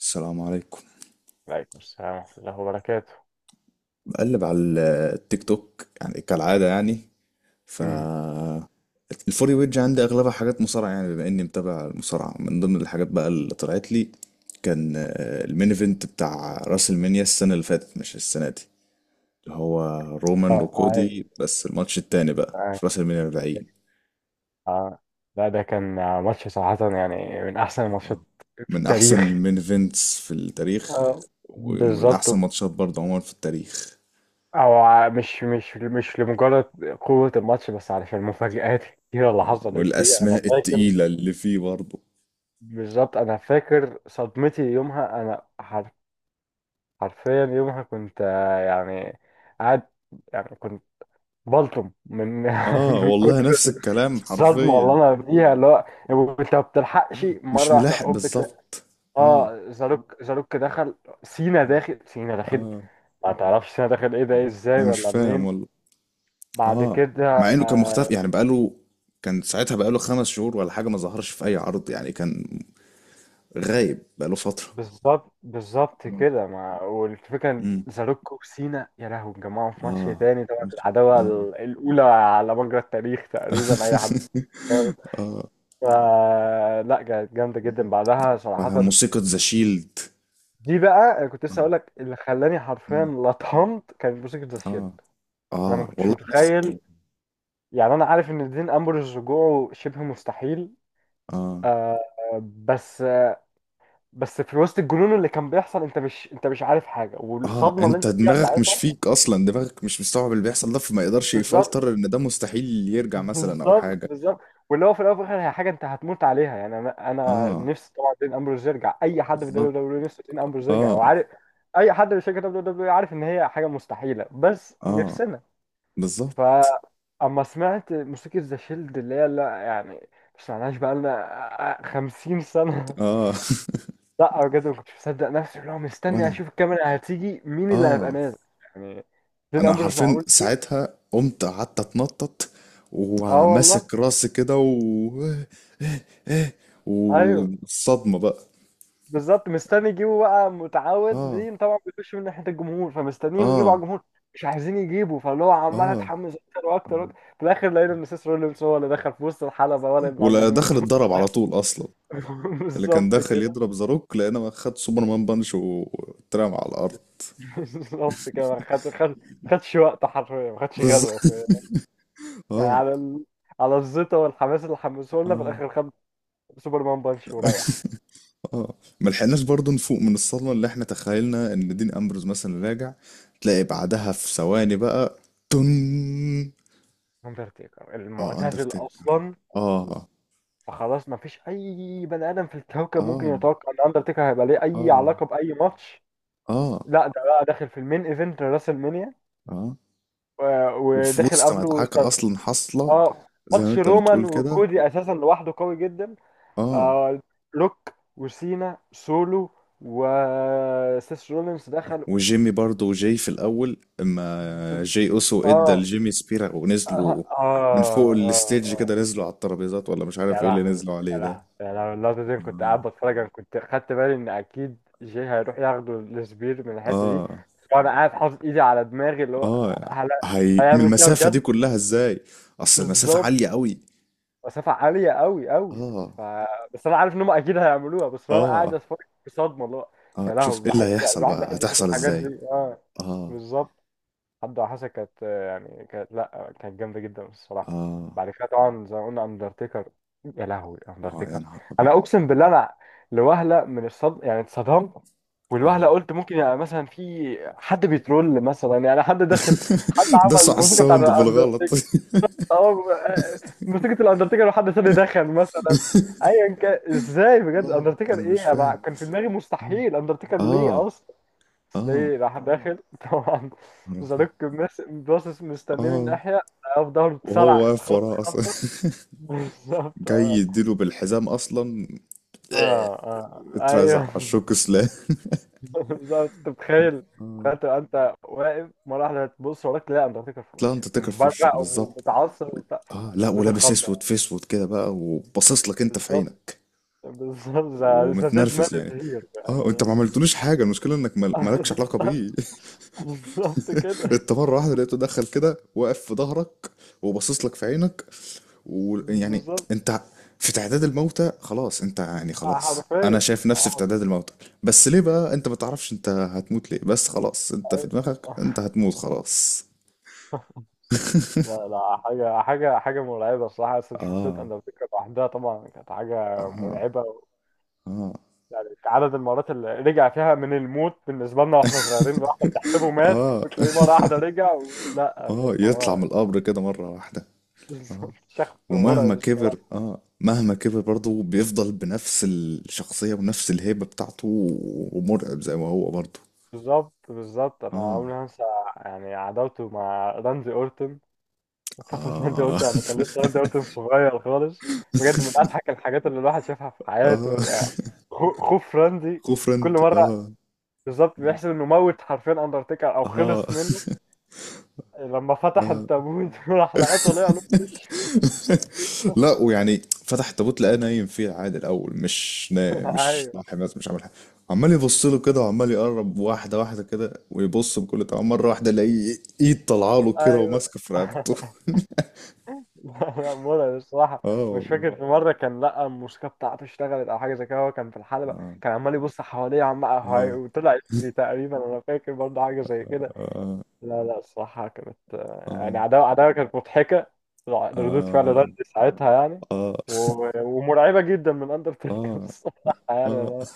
السلام عليكم. وعليكم السلام ورحمة الله وبركاته. بقلب على التيك توك يعني كالعادة يعني. ف مم. الفوري ويج عندي أغلبها حاجات مصارعة يعني، بما إني متابع المصارعة. من ضمن الحاجات بقى اللي طلعت لي كان المين ايفنت بتاع راس المنيا السنة اللي فاتت مش السنة دي، اللي هو رومان اه، وكودي. بس الماتش التاني بقى عاي- في راس المنيا 40. آه. لا ده كان ماتش صراحة يعني من أحسن الماتشات آه. في من أحسن التاريخ. المين ايفنتس في التاريخ، آه. ومن بالظبط. أحسن ماتشات برضه عموما في التاريخ. مش لمجرد قوة الماتش، بس علشان المفاجآت الكتيرة اللي حصلت فيه. أنا والأسماء فاكر، التقيلة اللي فيه برضه. بالظبط أنا فاكر صدمتي يومها. حرفيا يومها كنت، يعني قاعد. يعني كنت بلطم من اه من والله كتر نفس الكلام صدمة. والله حرفيا. انا بديها اللي هو انت ما بتلحقش، مش مرة واحدة ملاحق هوب بتلاقي. بالظبط. اه، اه، زاروك زاروك دخل. سينا اه، داخل، سينا داخل. اه. ما تعرفش سينا داخل ايه ده، إيه آه. ازاي انا مش ولا فاهم منين؟ والله. بعد اه، كده مع انه كان آه. مختفي يعني بقاله، كان ساعتها بقاله خمس شهور ولا حاجة، ما ظهرش في اي عرض يعني، كان غايب بقاله فترة. بالظبط، بالظبط اه. كده. ما، والفكرة ان مم. زاروك وسينا، يا لهوي، اتجمعوا في ماتش اه. تاني طبعا. ماشي. العداوة اه. الأولى على مجرى التاريخ، تقريبا أي حد. اه فا لا، كانت جامدة مم. جدا بعدها وبعدها صراحة. موسيقى ذا شيلد. دي بقى كنت لسه اه. هقول لك، اللي خلاني حرفيا مم. لطمت كان موسيقى ذا اه شيلد. انا ما اه كنتش والله نفس متخيل، الكلام. يعني انا عارف ان دين امبرز رجوعه شبه مستحيل. اه، آه. بس آه بس في وسط الجنون اللي كان بيحصل، انت مش عارف حاجه، اه، والصدمه اللي انت انت فيها دماغك مش ساعتها. فيك اصلا، دماغك مش مستوعب اللي بيحصل ده، فما يقدرش يفلتر بالظبط، ان ده مستحيل يرجع مثلا او بالظبط، حاجة. بالظبط. واللي هو في الاول وفي الاخر، هي حاجه انت هتموت عليها. يعني انا اه، نفسي طبعا دين امبرز يرجع، اي حد في دبليو بالظبط. دبليو نفسه دين امبرز يرجع، اه، وعارف اي حد في شركه دبليو دبليو عارف ان هي حاجه مستحيله، بس اه، نفسنا. بالظبط. فأما سمعت موسيقى ذا شيلد، اللي هي لا يعني ما سمعناش بقالنا 50 سنة، اه. لا بجد ما كنتش مصدق نفسي. اللي هو مستني وانا أشوف الكاميرا هتيجي، مين اللي هيبقى اه، نازل؟ يعني دين انا أمبرس، حرفيا معقول إيه؟ ساعتها قمت قعدت اتنطط اه، والله. وماسك راسي كده ايوه، والصدمة بقى. بالظبط، مستني يجيبوا بقى. متعود اه، دي طبعا بيخش من ناحيه الجمهور، فمستنيين يجيبوا على اه، الجمهور. مش عايزين يجيبوا، فاللي هو عمال اه. اتحمس اكتر واكتر آه. وأكتر. في الاخر لقينا ان سيس رولينز هو اللي دخل في وسط الحلبه، ولا اللي عند ولا دخل الجمهور. اتضرب على طول اصلا. اللي كان بالظبط داخل كده. يضرب زاروك لقينا خد سوبرمان بانش واترمى على الارض. بالظبط كده، ما خد خد خدش وقت، حرفيا ما خدش غلوه بالظبط. في، يعني اه، على الزيطه والحماس اللي حمسوه لنا، في اه، الاخر خد سوبرمان بانش وريح. اه. ما لحقناش برضه نفوق من الصدمه اللي احنا تخيلنا ان دين امبروز مثلا راجع، تلاقي بعدها في ثواني بقى تن، اندرتيكر اه المعتزل اندرتيكر. اصلا، اه، فخلاص ما فيش اي بني ادم في الكوكب ممكن اه، يتوقع ان اندرتيكر هيبقى ليه اي اه، علاقه باي ماتش. اه، لا ده بقى داخل في المين ايفنت راسل مانيا، اه. وفي وداخل وسط قبله مدعكه اصلا حاصله اه. زي ما ماتش انت رومان بتقول كده. وكودي اساسا لوحده قوي جدا. اه. آه. لوك وسينا سولو وسيس رولينز دخل. وجيمي برضه، وجاي في الأول، اما جاي أوسو ادى اه، لجيمي سبيرا اه، ونزلوا من فوق اه، الستيج كده، اه. نزلوا على الترابيزات ولا مش يا عارف ايه اللي لهوي، نزلوا يا عليه ده. لهوي، يا لهوي، اللقطة دي. أنا كنت قاعد بتفرج، انا كنت خدت بالي ان اكيد جي هيروح ياخده السبير من الحتة دي، اه، وانا قاعد حاطط ايدي على دماغي. اللي هو اه، هي من هيعمل كده المسافة دي بجد؟ كلها ازاي؟ اصل المسافة بالظبط، عالية قوي. مسافة عالية قوي قوي. ف... اه، بس انا عارف ان هم اكيد هيعملوها، بس انا قاعد اه، اتفرج بصدمة. اللي هو اه، يا شوف لهوي. ايه اللي بحب يعني هيحصل الواحد بقى، بيحب يشوف هتحصل الحاجات دي. ازاي. اه، اه، بالظبط. حد وحشة كانت، يعني كانت لا كانت جامدة جدا الصراحة. اه، بعد كده طبعا زي ما قلنا اندرتيكر. يا لهوي اه، يا اندرتيكر. نهار ابيض. انا اقسم بالله، انا لوهلة من الصدم يعني اتصدمت. والوهلة اه، قلت ممكن يعني مثلا في حد بيترول، مثلا يعني حد داخل، حد عمل دسوا على الموسيقى بتاع الساوند بالغلط. الاندرتيكر. اه. موسيقى الاندرتيكر، وحد تاني دخل مثلا، ايا كان. ازاي بجد اه، اندرتيكر؟ انا مش ايه انا فاهم. كان في دماغي مستحيل اندرتيكر اه، ليه اصلا. اه، سلي راح داخل طبعا، اه، زاروك باصص مستنيه من اه. ناحية، في ظهره وهو اتسرع واقف خط وراه اصلا. خطة. بالظبط. جاي اه، يديله بالحزام اصلا. اه، اه، اترزع ايوه. على الشوك، سلام. بالظبط، انت متخيل؟ تخيل تبقى انت واقف مرة واحدة، تبص وراك تلاقي اندرتيكر في لا، وشك انت تكر في وشك مبرق بالظبط ومتعصب و- وبتاع. اه، لا، بيت ولابس اسود الخضة. في اسود كده بقى، وباصص لك انت في بالظبط، عينك بالظبط. ذا ديد مان ومتنرفز يعني. هير اه، انت ما يعني. عملتلوش حاجه، المشكله انك مالكش علاقه بيه. بالظبط. بالظبط كده. انت مره واحده لقيته دخل كده واقف في ظهرك وباصص لك في عينك، ويعني بالظبط، انت في تعداد الموتى خلاص، انت يعني خلاص انا حرفيا. شايف نفسي في آه. تعداد الموتى. بس ليه بقى، انت ما تعرفش انت هتموت ليه، بس خلاص انت في أيوة. دماغك انت هتموت خلاص. لا لا، حاجة حاجة حاجة مرعبة الصراحة. أصلا شخصية اه، أندرتيكر لوحدها طبعا كانت حاجة اه، مرعبة. اه، يعني عدد المرات اللي رجع فيها من الموت بالنسبة لنا وإحنا صغيرين، الواحد تحسبه مات اه. وتلاقيه مرة واحدة رجع. ومش لا، بجد اه، يطلع هو من القبر كده مرة واحدة. اه. شخص ومهما مرعب كبر الصراحة. اه، مهما كبر برضه بيفضل بنفس الشخصية ونفس الهيبة بتاعته، ومرعب زي ما هو برضه. بالظبط، بالظبط، أنا اه، عمري ما هنسى يعني عداوته مع راندي أورتون فترة. راندي اه. أورتون لما كان لسه راندي أورتون صغير خالص، بجد من أضحك الحاجات اللي الواحد شافها في اه، حياته يعني. خوف راندي خوف في كل رند مرة، اه. بالظبط بيحسب انه موت حرفيا اندرتيكر او اه. خلص منه. لما فتح آه. التابوت راح لقاه طالع له في وشه. لا ويعني فتح التابوت لقاه نايم فيه عادي الاول، مش نايم مش ايوه، صاحي، بس مش عامل حاجه. عمال يبص له كده، وعمال يقرب واحده واحده كده ويبص. بكل طبعا مره واحده الاقيه ايد طالعه له كده ايوه. وماسكه في رقبته. لا لا، مرعب الصراحه. اه مش والله. فاكر في مره كان لقى الموسيقى بتاعته اشتغلت او حاجه زي كده. هو كان في الحلبه، اه، كان عمال يبص حواليه، اه، وطلع يجري تقريبا. انا فاكر برضه حاجه زي كده. لا لا، الصراحة كانت، يعني اه، عداوة عداوة كانت مضحكة. ردود فعل. اه، ساعتها يعني، اه، ومرعبة جدا من اه، أندرتيكر. الصراحة يعني، اه، اه. أنا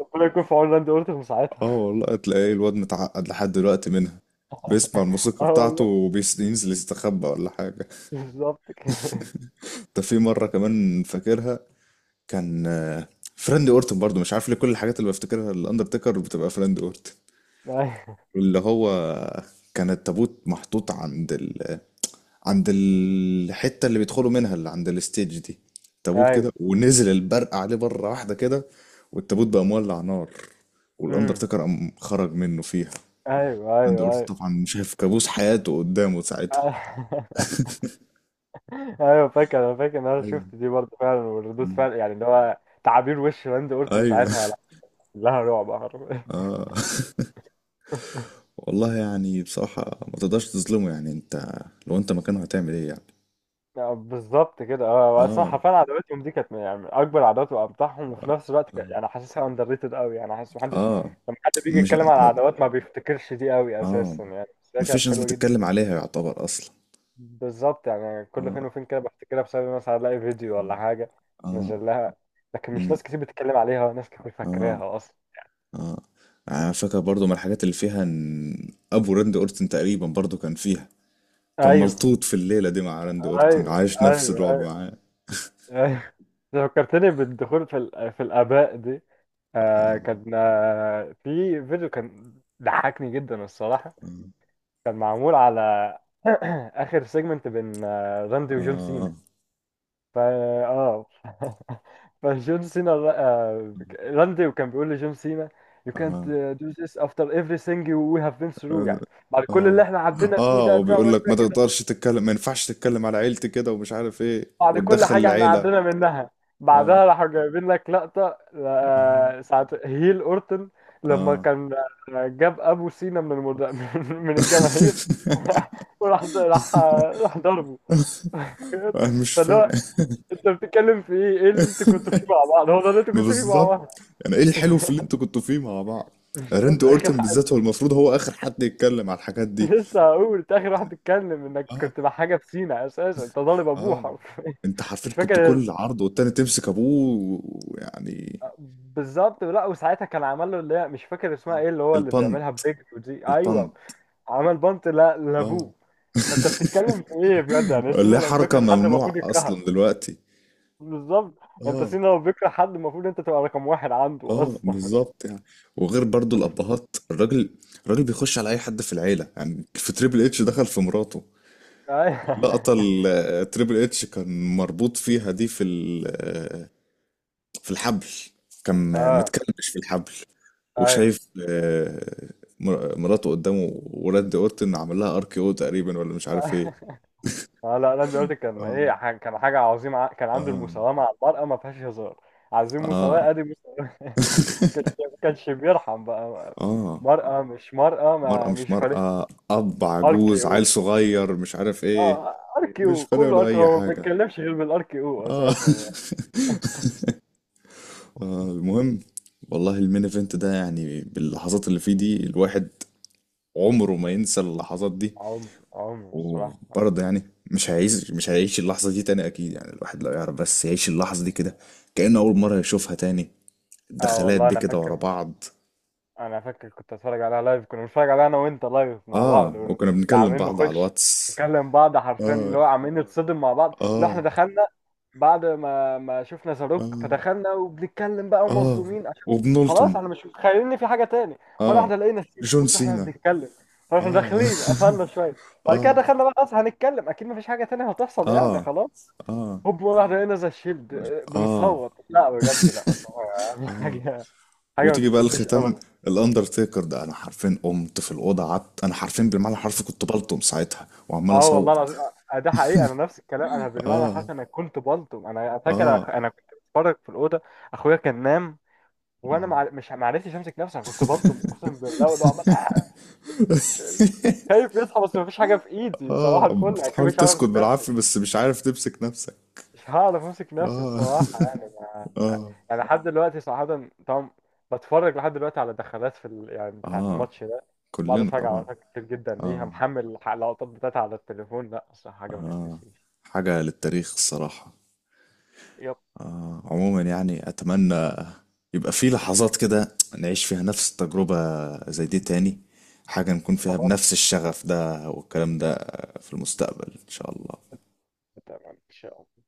ربنا يكون في عون راندي أورتون اه ساعتها. والله تلاقيه الواد متعقد لحد دلوقتي منها، بيسمع الموسيقى اه، بتاعته والله. وبينزل يستخبى ولا حاجة. بالظبط كده. ده في مرة كمان فاكرها، كان فريند اورتون برضو، مش عارف ليه كل الحاجات اللي بفتكرها الاندرتيكر بتبقى فريند اورتون، أيوه، اللي هو كان التابوت محطوط عند عند الحتة اللي بيدخلوا منها، اللي عند الستيج دي. تابوت أيوه. كده، ونزل البرق عليه بره واحدة كده، والتابوت بقى مولع نار، أمم. والاندرتيكر قام خرج منه فيها. أيوه، فريند أيوه، أيوه. اورتون طبعا شايف كابوس حياته قدامه ساعتها. أيوه فاكر. أنا فاكر إن أنا ايوه. شفت دي برضه فعلا. وردود مم. فعل يعني، اللي هو تعابير وش راندي أورتون ايوه. ساعتها، لها رعب. اه والله. يعني بصراحة ما تقدرش تظلمه يعني، انت لو انت مكانه هتعمل ايه يعني. بالظبط كده. اه، اصلا اه، حرفيا عداوتهم دي كانت يعني من اكبر عداوات وامتعهم. وفي اه، نفس الوقت يعني حاسسها اندر ريتد قوي، يعني حاسس محدش آه، لما حد بيجي مش يتكلم على م... العداوات ما بيفتكرش دي قوي اه، اساسا يعني. بس هي كانت مفيش ناس حلوه جدا. بتتكلم عليها يعتبر اصلا. بالظبط، يعني كل اه، فين وفين كده بفتكرها بسبب مثلا الاقي فيديو ولا حاجه اه، نزل لها. لكن مش امم، ناس كتير بتتكلم عليها، ناس كتير اه، فاكراها اصلا. اه، يعني انا فاكر برضو من الحاجات اللي فيها ان ابو راندي اورتن تقريبا برضو كان فيها، كان ايوه، ملطوط في الليلة دي مع راندي ايوه، اورتن ايوه، عايش نفس ايوه، الرعب أيوة. معاه. فكرتني بالدخول في في الاباء دي. اه، كان، في فيديو كان ضحكني جدا الصراحة. كان معمول على آخر سيجمنت بين راندي وجون سينا. اه، فا، اه. فجون سينا راندي، وكان بيقول لجون سينا: "You اه، can't آه. Do this after everything we have been through" يعني بعد كل اللي اه، احنا عدينا فيه اه، ده وبيقول تعمل لك ما فيها، تقدرش تتكلم، ما ينفعش تتكلم على عيلتي كده، ومش عارف ايه بعد كل وتدخل حاجة احنا العيلة. عدينا منها. بعدها اه، راحوا جايبين لك لقطة، اه، ساعة هيل أورتن، لما اه. كان جاب أبو سينا من من الجماهير. وراح راح راح ضربه. انا مش فاللي فاهم. هو انت بتتكلم في ايه؟ ايه اللي انت كنت فيه مع بعض؟ هو ده اللي انت ما كنت فيه مع بالظبط. بعض؟ يعني ايه الحلو في اللي انتوا كنتوا فيه مع بعض؟ بالظبط، راندي اخر اورتن بالذات هو المفروض هو اخر حد يتكلم على الحاجات دي. لسه هقول، انت اخر واحد تتكلم انك اه، كنت مع حاجه في سينا اساسا، انت ضارب ابوه اه. حرفيا، انت حرفيا مش كنت فاكر. كل عرض والتاني تمسك ابوه، ويعني بالظبط، لا وساعتها كان عمل له اللي هي مش فاكر اسمها آه. ايه، اللي هو اللي البند. بيعملها برجله دي. البند. ايوه، عمل بنط، لا اه، لابوه. انت بتتكلم في ايه بجد يعني؟ اللي سينا هي لو حركة بيكره حد ممنوعة المفروض يكرهك. اصلا دلوقتي. بالظبط، انت اه، سينا لو بيكره حد المفروض انت تبقى رقم واحد عنده اه، اصلا. بالظبط يعني. وغير برضو الابهات، الراجل، الراجل بيخش على اي حد في العيله. يعني في تريبل اتش دخل في مراته. ايوه، اللقطه اللي تريبل اتش كان مربوط فيها دي في في الحبل، كان اه، متكلبش في الحبل ايوه. وشايف مراته قدامه، وراندي اورتن عمل لها ار كي او تقريبا، ولا مش عارف ايه. اه، لا لا، دلوقتي كان اه، ايه، كان حاجه عظيمه، كان عنده اه، المساواه مع المرأة، ما فيهاش هزار. عايزين مساواه، اه. ادي مساواه. كانش كانش بيرحم بقى، اه، مرأة مش مرأة، مرأة ما مش مش فارق. مرأة، أب ار كي عجوز، او عيل صغير، مش عارف إيه، اه، ار كي مش او، فارق كله ار له كي او. اي هو ما حاجه. بيتكلمش غير بالار كي او اه. اساسا يعني. المهم، والله المين ايفنت ده يعني باللحظات اللي فيه دي، الواحد عمره ما ينسى اللحظات دي. عمر عمر الصراحه. وبرضه يعني مش هيعيش، مش هيعيش اللحظة دي تاني أكيد يعني. الواحد لو يعرف بس يعيش اللحظة دي كده كأنه أول مرة يشوفها تاني، اه الدخلات والله دي انا كده ورا فاكر. بعض. انا فاكر كنت اتفرج عليها لايف. كنا بنتفرج عليها انا وانت لايف مع بعض، آه، وكنا وكنا بنكلم عاملين بعض على نخش الواتس. نكلم بعض حرفيا، آه، اللي هو عاملين نتصدم مع بعض لو احنا آه، دخلنا بعد ما شفنا زاروك. آه، فدخلنا وبنتكلم بقى، آه، ومصدومين عشان وبنلطم. خلاص انا مش متخيل ان في حاجه تاني. مره آه. واحده لقينا سينا، جون بص احنا سينا. بنتكلم، فاحنا آه. داخلين قفلنا شويه. بعد كده آه. دخلنا بقى، خلاص هنتكلم اكيد مفيش حاجه تانية هتحصل اه، يعني، خلاص. اه، هوب مره واحده لقينا زي الشيلد، اه، بنصوت. لا بجد، لا الصراحة اه. حاجه، حاجه ما وتيجي بقى تتنسيش الختام، ابدا. الاندرتيكر ده. انا حرفين قمت في الاوضه قعدت، انا حرفين بالمعنى الحرفي كنت بلطم ساعتها وعمال اه والله اصوت. العظيم، ده حقيقي. انا نفس الكلام، انا بالمعنى اه، الحرفي انا كنت بلطم. انا فاكر اه، انا كنت بتفرج في الاوضه، اخويا كان نام، وانا مع... مش ما عرفتش امسك نفسي. انا كنت بلطم اقسم بالله. واللي هو عمال، مش مش- خايف يصحى بس مفيش حاجه في ايدي. صباح اه. الفل اكيد بتحاول مش هعرف تسكت امسك نفسي. بالعافيه بس مش عارف تمسك نفسك. مش هعرف امسك نفسي اه. الصراحه يعني. ما... اه، يعني لحد دلوقتي صراحه طبعا، بتفرج لحد دلوقتي على دخلات في يعني بتاعه اه. الماتش ده. بقعد كلنا اتفرج على طبعا. لقطات كتير جدا، ليها اه، محمل اللقطات بتاعتها على التليفون. لا الصراحه حاجه ما اه. تتنسيش. حاجه للتاريخ الصراحه. آه عموما يعني، اتمنى يبقى في لحظات كده نعيش فيها نفس التجربة زي دي تاني، حاجة نكون فيها طبعا، بنفس الشغف ده والكلام ده في المستقبل إن شاء الله. طبعا ان شاء الله.